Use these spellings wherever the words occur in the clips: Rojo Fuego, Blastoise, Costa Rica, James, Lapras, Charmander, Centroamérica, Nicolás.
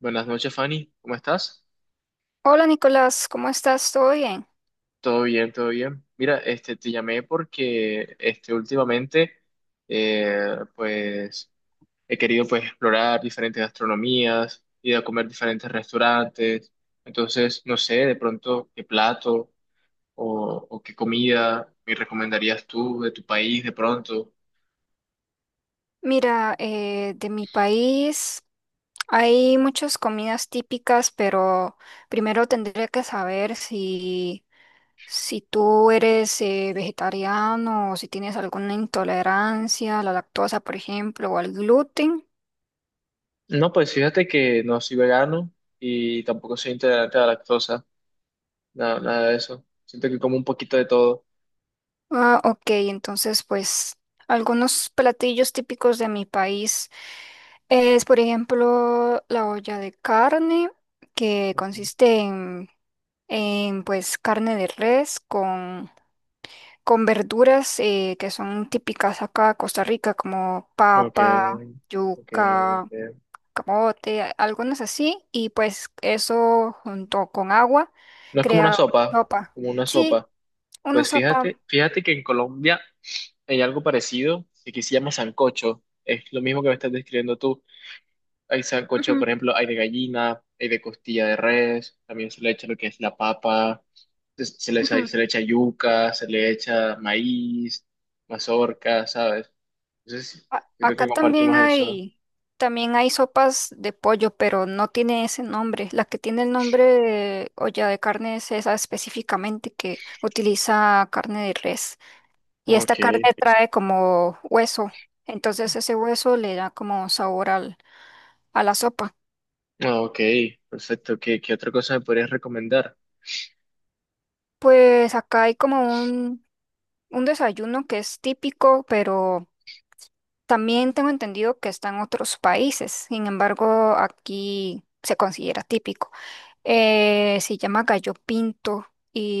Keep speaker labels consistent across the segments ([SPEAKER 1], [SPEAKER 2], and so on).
[SPEAKER 1] Buenas noches, Fanny. ¿Cómo estás?
[SPEAKER 2] Hola Nicolás, ¿cómo estás? ¿Todo bien?
[SPEAKER 1] Todo bien, todo bien. Mira, te llamé porque últimamente eh, pues, he querido, pues, explorar diferentes gastronomías, ir a comer diferentes restaurantes. Entonces, no sé, de pronto, qué plato o qué comida me recomendarías tú de tu país de pronto.
[SPEAKER 2] Mira, de mi país hay muchas comidas típicas, pero primero tendría que saber si tú eres vegetariano o si tienes alguna intolerancia a la lactosa, por ejemplo, o al gluten.
[SPEAKER 1] No, pues fíjate que no soy vegano y tampoco soy intolerante a la lactosa, nada, nada de eso. Siento que como un poquito de todo.
[SPEAKER 2] Ah, ok, entonces pues algunos platillos típicos de mi país es, por ejemplo, la olla de carne, que consiste en pues carne de res con verduras que son típicas acá de Costa Rica, como
[SPEAKER 1] Ok,
[SPEAKER 2] papa,
[SPEAKER 1] ok,
[SPEAKER 2] yuca,
[SPEAKER 1] ok.
[SPEAKER 2] camote, algunas así, y pues eso junto con agua
[SPEAKER 1] ¿No es como una
[SPEAKER 2] crea
[SPEAKER 1] sopa,
[SPEAKER 2] una sopa.
[SPEAKER 1] como una
[SPEAKER 2] Sí,
[SPEAKER 1] sopa?
[SPEAKER 2] una
[SPEAKER 1] Pues
[SPEAKER 2] sopa.
[SPEAKER 1] fíjate que en Colombia hay algo parecido que aquí se llama sancocho. Es lo mismo que me estás describiendo tú. Hay sancocho,
[SPEAKER 2] Ujú,
[SPEAKER 1] por ejemplo, hay de gallina, hay de costilla de res, también se le echa lo que es la papa,
[SPEAKER 2] ujú.
[SPEAKER 1] se le echa yuca, se le echa maíz, mazorca, ¿sabes? Entonces, creo
[SPEAKER 2] Acá
[SPEAKER 1] que compartimos eso.
[SPEAKER 2] también hay sopas de pollo, pero no tiene ese nombre. La que tiene el nombre de olla de carne es esa específicamente que utiliza carne de res. Y esta
[SPEAKER 1] Ok,
[SPEAKER 2] carne trae como hueso, entonces ese hueso le da como sabor a la sopa.
[SPEAKER 1] ah, ok, perfecto. ¿Qué, qué otra cosa me podrías recomendar?
[SPEAKER 2] Pues acá hay como un desayuno que es típico, pero también tengo entendido que está en otros países. Sin embargo, aquí se considera típico. Se llama gallo pinto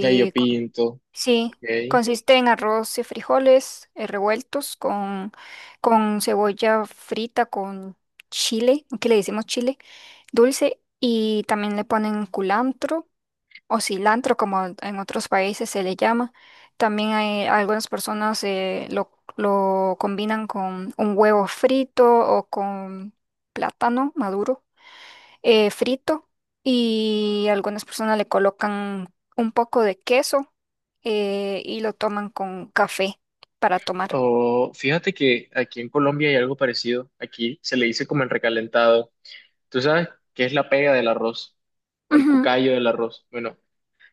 [SPEAKER 1] Ya yo
[SPEAKER 2] con-
[SPEAKER 1] pinto,
[SPEAKER 2] sí,
[SPEAKER 1] ok.
[SPEAKER 2] consiste en arroz y frijoles revueltos con cebolla frita, con chile, aquí le decimos chile dulce y también le ponen culantro o cilantro, como en otros países se le llama. También hay algunas personas lo combinan con un huevo frito o con plátano maduro frito y algunas personas le colocan un poco de queso y lo toman con café para tomar.
[SPEAKER 1] O fíjate que aquí en Colombia hay algo parecido. Aquí se le dice como el recalentado. ¿Tú sabes qué es la pega del arroz? O el cucayo del arroz. Bueno,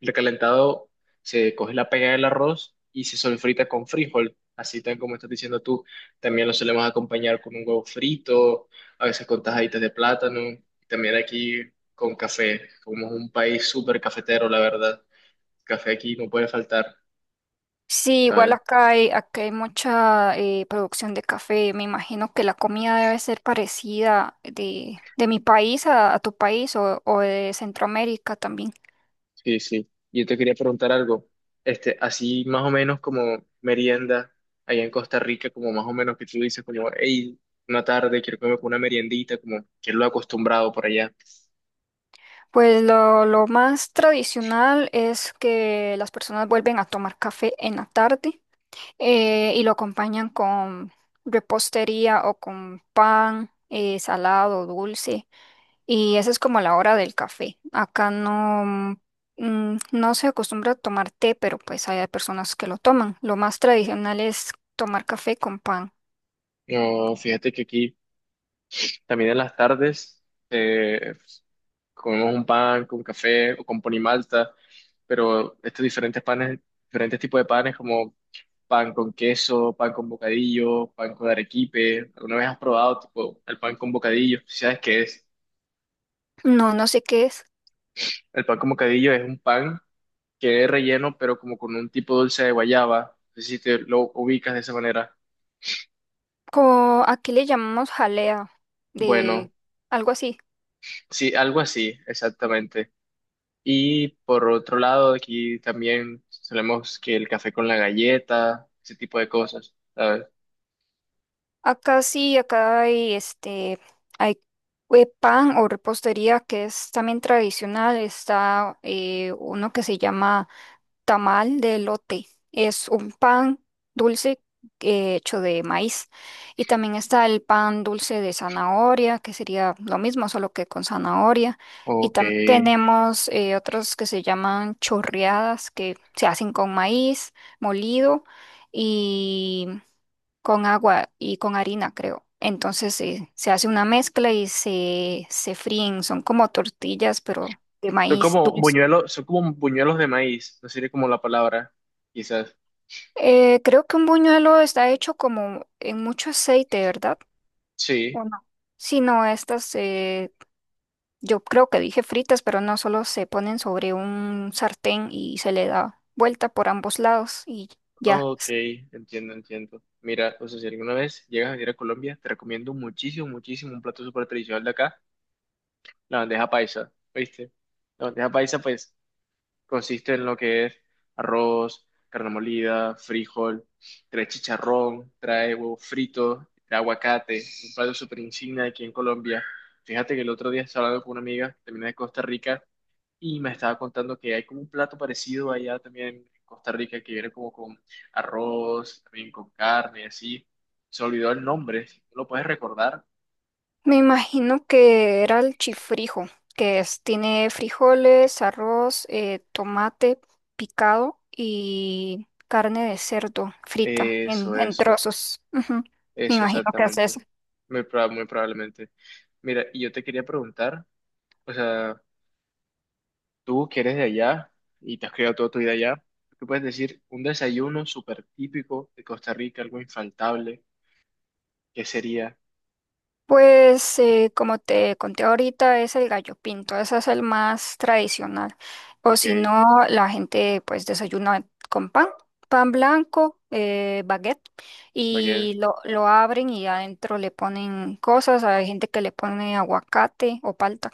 [SPEAKER 1] el recalentado, se coge la pega del arroz y se solfrita con frijol. Así tan como estás diciendo tú. También lo solemos acompañar con un huevo frito, a veces con tajaditas de plátano. También aquí con café. Como es un país súper cafetero, la verdad. Café aquí no puede faltar.
[SPEAKER 2] Sí, igual acá hay mucha producción de café. Me imagino que la comida debe ser parecida de mi país a tu país o de Centroamérica también.
[SPEAKER 1] Sí, sí. Yo te quería preguntar algo. Este, así más o menos como merienda allá en Costa Rica, como más o menos que tú dices, como, hey, una tarde quiero comer una meriendita, como que es lo acostumbrado por allá.
[SPEAKER 2] Pues lo más tradicional es que las personas vuelven a tomar café en la tarde y lo acompañan con repostería o con pan salado, dulce. Y esa es como la hora del café. Acá no, mm, no se acostumbra a tomar té, pero pues hay personas que lo toman. Lo más tradicional es tomar café con pan.
[SPEAKER 1] No, fíjate que aquí también en las tardes eh, comemos un pan con café o con ponimalta, pero estos diferentes panes, diferentes tipos de panes como pan con queso, pan con bocadillo, pan con arequipe. ¿Alguna vez has probado tipo el pan con bocadillo? ¿Sí? ¿Sabes qué es?
[SPEAKER 2] No, no sé qué es.
[SPEAKER 1] El pan con bocadillo es un pan que es relleno, pero como con un tipo dulce de guayaba. No sé si te lo ubicas de esa manera.
[SPEAKER 2] Como aquí le llamamos jalea,
[SPEAKER 1] Bueno,
[SPEAKER 2] de algo así.
[SPEAKER 1] sí, algo así, exactamente. Y por otro lado, aquí también solemos que el café con la galleta, ese tipo de cosas, ¿sabes?
[SPEAKER 2] Acá sí, acá hay este, hay pan o repostería que es también tradicional. Está uno que se llama tamal de elote, es un pan dulce hecho de maíz. Y también está el pan dulce de zanahoria, que sería lo mismo, solo que con zanahoria. Y
[SPEAKER 1] Ok.
[SPEAKER 2] también tenemos otros que se llaman chorreadas, que se hacen con maíz molido y con agua y con harina, creo. Entonces se hace una mezcla y se fríen. Son como tortillas, pero de maíz dulce.
[SPEAKER 1] Son como buñuelos de maíz, no sería como la palabra, quizás.
[SPEAKER 2] Creo que un buñuelo está hecho como en mucho aceite, ¿verdad?
[SPEAKER 1] Sí.
[SPEAKER 2] ¿O no? Sí, no, estas yo creo que dije fritas, pero no, solo se ponen sobre un sartén y se le da vuelta por ambos lados y ya.
[SPEAKER 1] Ok, entiendo, entiendo. Mira, o sea, si alguna vez llegas a venir a Colombia, te recomiendo muchísimo, muchísimo un plato súper tradicional de acá, la bandeja paisa, ¿viste? La bandeja paisa, pues, consiste en lo que es arroz, carne molida, frijol, trae chicharrón, trae huevo frito, trae aguacate, un plato súper insignia aquí en Colombia. Fíjate que el otro día estaba hablando con una amiga, también de Costa Rica, y me estaba contando que hay como un plato parecido allá también en Costa Rica que viene como con arroz, también con carne, así. Se olvidó el nombre, si tú lo puedes recordar.
[SPEAKER 2] Me imagino que era el chifrijo, que es, tiene frijoles, arroz, tomate picado y carne de cerdo frita
[SPEAKER 1] Eso,
[SPEAKER 2] en
[SPEAKER 1] eso,
[SPEAKER 2] trozos. Ujú. Me
[SPEAKER 1] eso
[SPEAKER 2] imagino que es
[SPEAKER 1] exactamente.
[SPEAKER 2] eso.
[SPEAKER 1] Muy probablemente. Mira, y yo te quería preguntar, o sea, tú que eres de allá y te has criado toda tu vida allá, ¿tú puedes decir un desayuno súper típico de Costa Rica, algo infaltable? ¿Qué sería?
[SPEAKER 2] Pues como te conté ahorita es el gallo pinto, ese es el más tradicional. O
[SPEAKER 1] Ok,
[SPEAKER 2] si no, la gente pues desayuna con pan, pan blanco, baguette,
[SPEAKER 1] va a quedar,
[SPEAKER 2] y lo abren y adentro le ponen cosas. Hay gente que le pone aguacate o palta,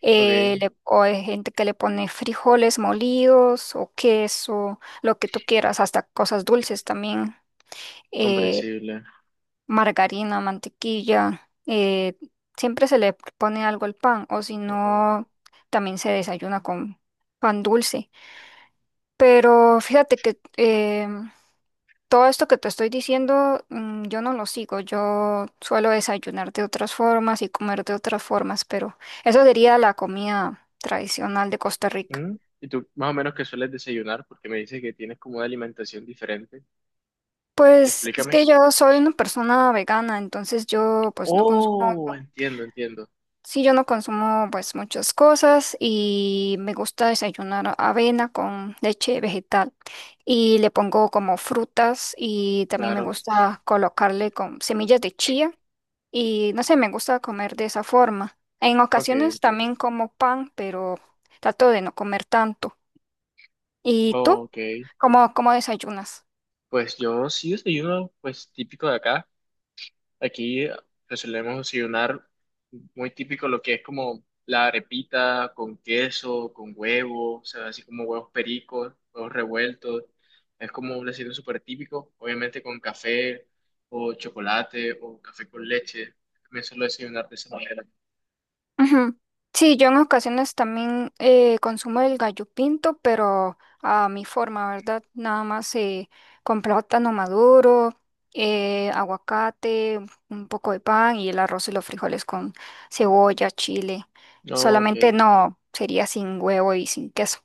[SPEAKER 1] ok,
[SPEAKER 2] o hay gente que le pone frijoles molidos o queso, lo que tú quieras, hasta cosas dulces también. eh,
[SPEAKER 1] comprensible.
[SPEAKER 2] Margarina, mantequilla, siempre se le pone algo al pan o si no, también se desayuna con pan dulce. Pero fíjate que todo esto que te estoy diciendo, mm, yo no lo sigo, yo suelo desayunar de otras formas y comer de otras formas, pero eso sería la comida tradicional de Costa Rica.
[SPEAKER 1] Mm, ¿y tú más o menos qué sueles desayunar? Porque me dices que tienes como una alimentación diferente.
[SPEAKER 2] Pues es
[SPEAKER 1] Explícame.
[SPEAKER 2] que yo soy una persona vegana, entonces yo pues no consumo.
[SPEAKER 1] Oh, entiendo, entiendo.
[SPEAKER 2] Sí, yo no consumo pues muchas cosas y me gusta desayunar avena con leche vegetal y le pongo como frutas y también me
[SPEAKER 1] Claro.
[SPEAKER 2] gusta colocarle con semillas de chía y no sé, me gusta comer de esa forma. En
[SPEAKER 1] Ok,
[SPEAKER 2] ocasiones
[SPEAKER 1] entiendo.
[SPEAKER 2] también como pan, pero trato de no comer tanto. ¿Y tú?
[SPEAKER 1] Ok.
[SPEAKER 2] ¿Cómo, cómo desayunas?
[SPEAKER 1] Pues yo sí desayuno, pues típico de acá. Aquí le solemos desayunar muy típico lo que es como la arepita con queso, con huevo, o sea, así como huevos pericos, huevos revueltos. Es como un desayuno súper típico, obviamente con café o chocolate o café con leche. Me suelo desayunar de esa manera.
[SPEAKER 2] Ujú. Sí, yo en ocasiones también consumo el gallo pinto, pero a mi forma, ¿verdad? Nada más con plátano maduro, aguacate, un poco de pan y el arroz y los frijoles con cebolla, chile.
[SPEAKER 1] No, ok.
[SPEAKER 2] Solamente no, sería sin huevo y sin queso.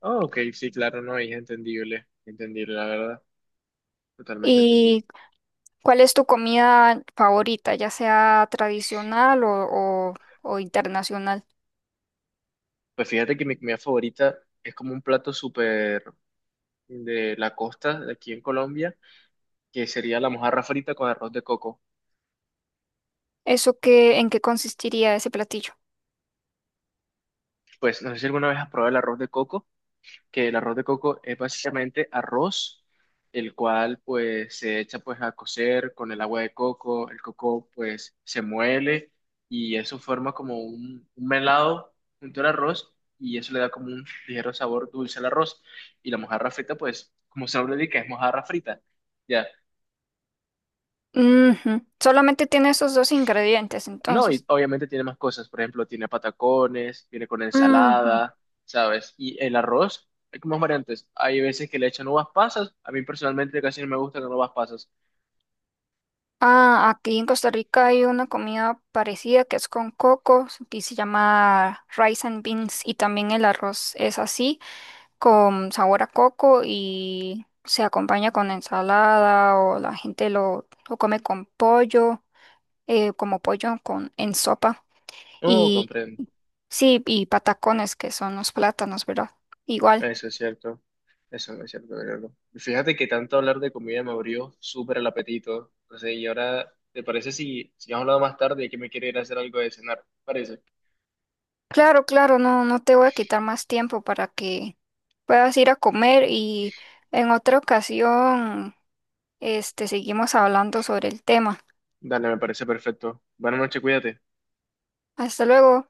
[SPEAKER 1] Ah, ok, sí, claro, no, es entendible, entendible, la verdad, totalmente entendible.
[SPEAKER 2] ¿Y cuál es tu comida favorita, ya sea tradicional o internacional?
[SPEAKER 1] Pues fíjate que mi comida favorita es como un plato súper de la costa de aquí en Colombia que sería la mojarra frita con arroz de coco.
[SPEAKER 2] ¿Eso qué, en qué consistiría ese platillo?
[SPEAKER 1] Pues no sé si alguna vez has probado el arroz de coco, que el arroz de coco es básicamente arroz, el cual pues se echa pues a cocer con el agua de coco, el coco pues se muele y eso forma como un melado junto al arroz y eso le da como un ligero sabor dulce al arroz. Y la mojarra frita pues, como su nombre indica, es mojarra frita. Ya,
[SPEAKER 2] Ujú. Solamente tiene esos dos ingredientes,
[SPEAKER 1] no, y
[SPEAKER 2] entonces.
[SPEAKER 1] obviamente tiene más cosas, por ejemplo, tiene patacones, viene con
[SPEAKER 2] Ujú.
[SPEAKER 1] ensalada, ¿sabes? Y el arroz, hay como más variantes. Hay veces que le echan uvas pasas, a mí personalmente casi no me gustan las uvas pasas.
[SPEAKER 2] Ah, aquí en Costa Rica hay una comida parecida que es con coco y se llama rice and beans y también el arroz es así, con sabor a coco y se acompaña con ensalada o la gente lo come con pollo, como pollo con, en sopa
[SPEAKER 1] No,
[SPEAKER 2] y
[SPEAKER 1] comprendo.
[SPEAKER 2] sí, y patacones que son los plátanos, ¿verdad? Igual.
[SPEAKER 1] Eso es cierto. Eso no es cierto, Gabriel. Y fíjate que tanto hablar de comida me abrió súper el apetito. No sé, y ahora, ¿te parece si, si hemos hablado más tarde y que me quiere ir a hacer algo de cenar? ¿Parece?
[SPEAKER 2] Claro, claro, no, no te voy a quitar más tiempo para que puedas ir a comer y en otra ocasión, este, seguimos hablando sobre el tema.
[SPEAKER 1] Dale, me parece perfecto. Buenas noches, cuídate.
[SPEAKER 2] Hasta luego.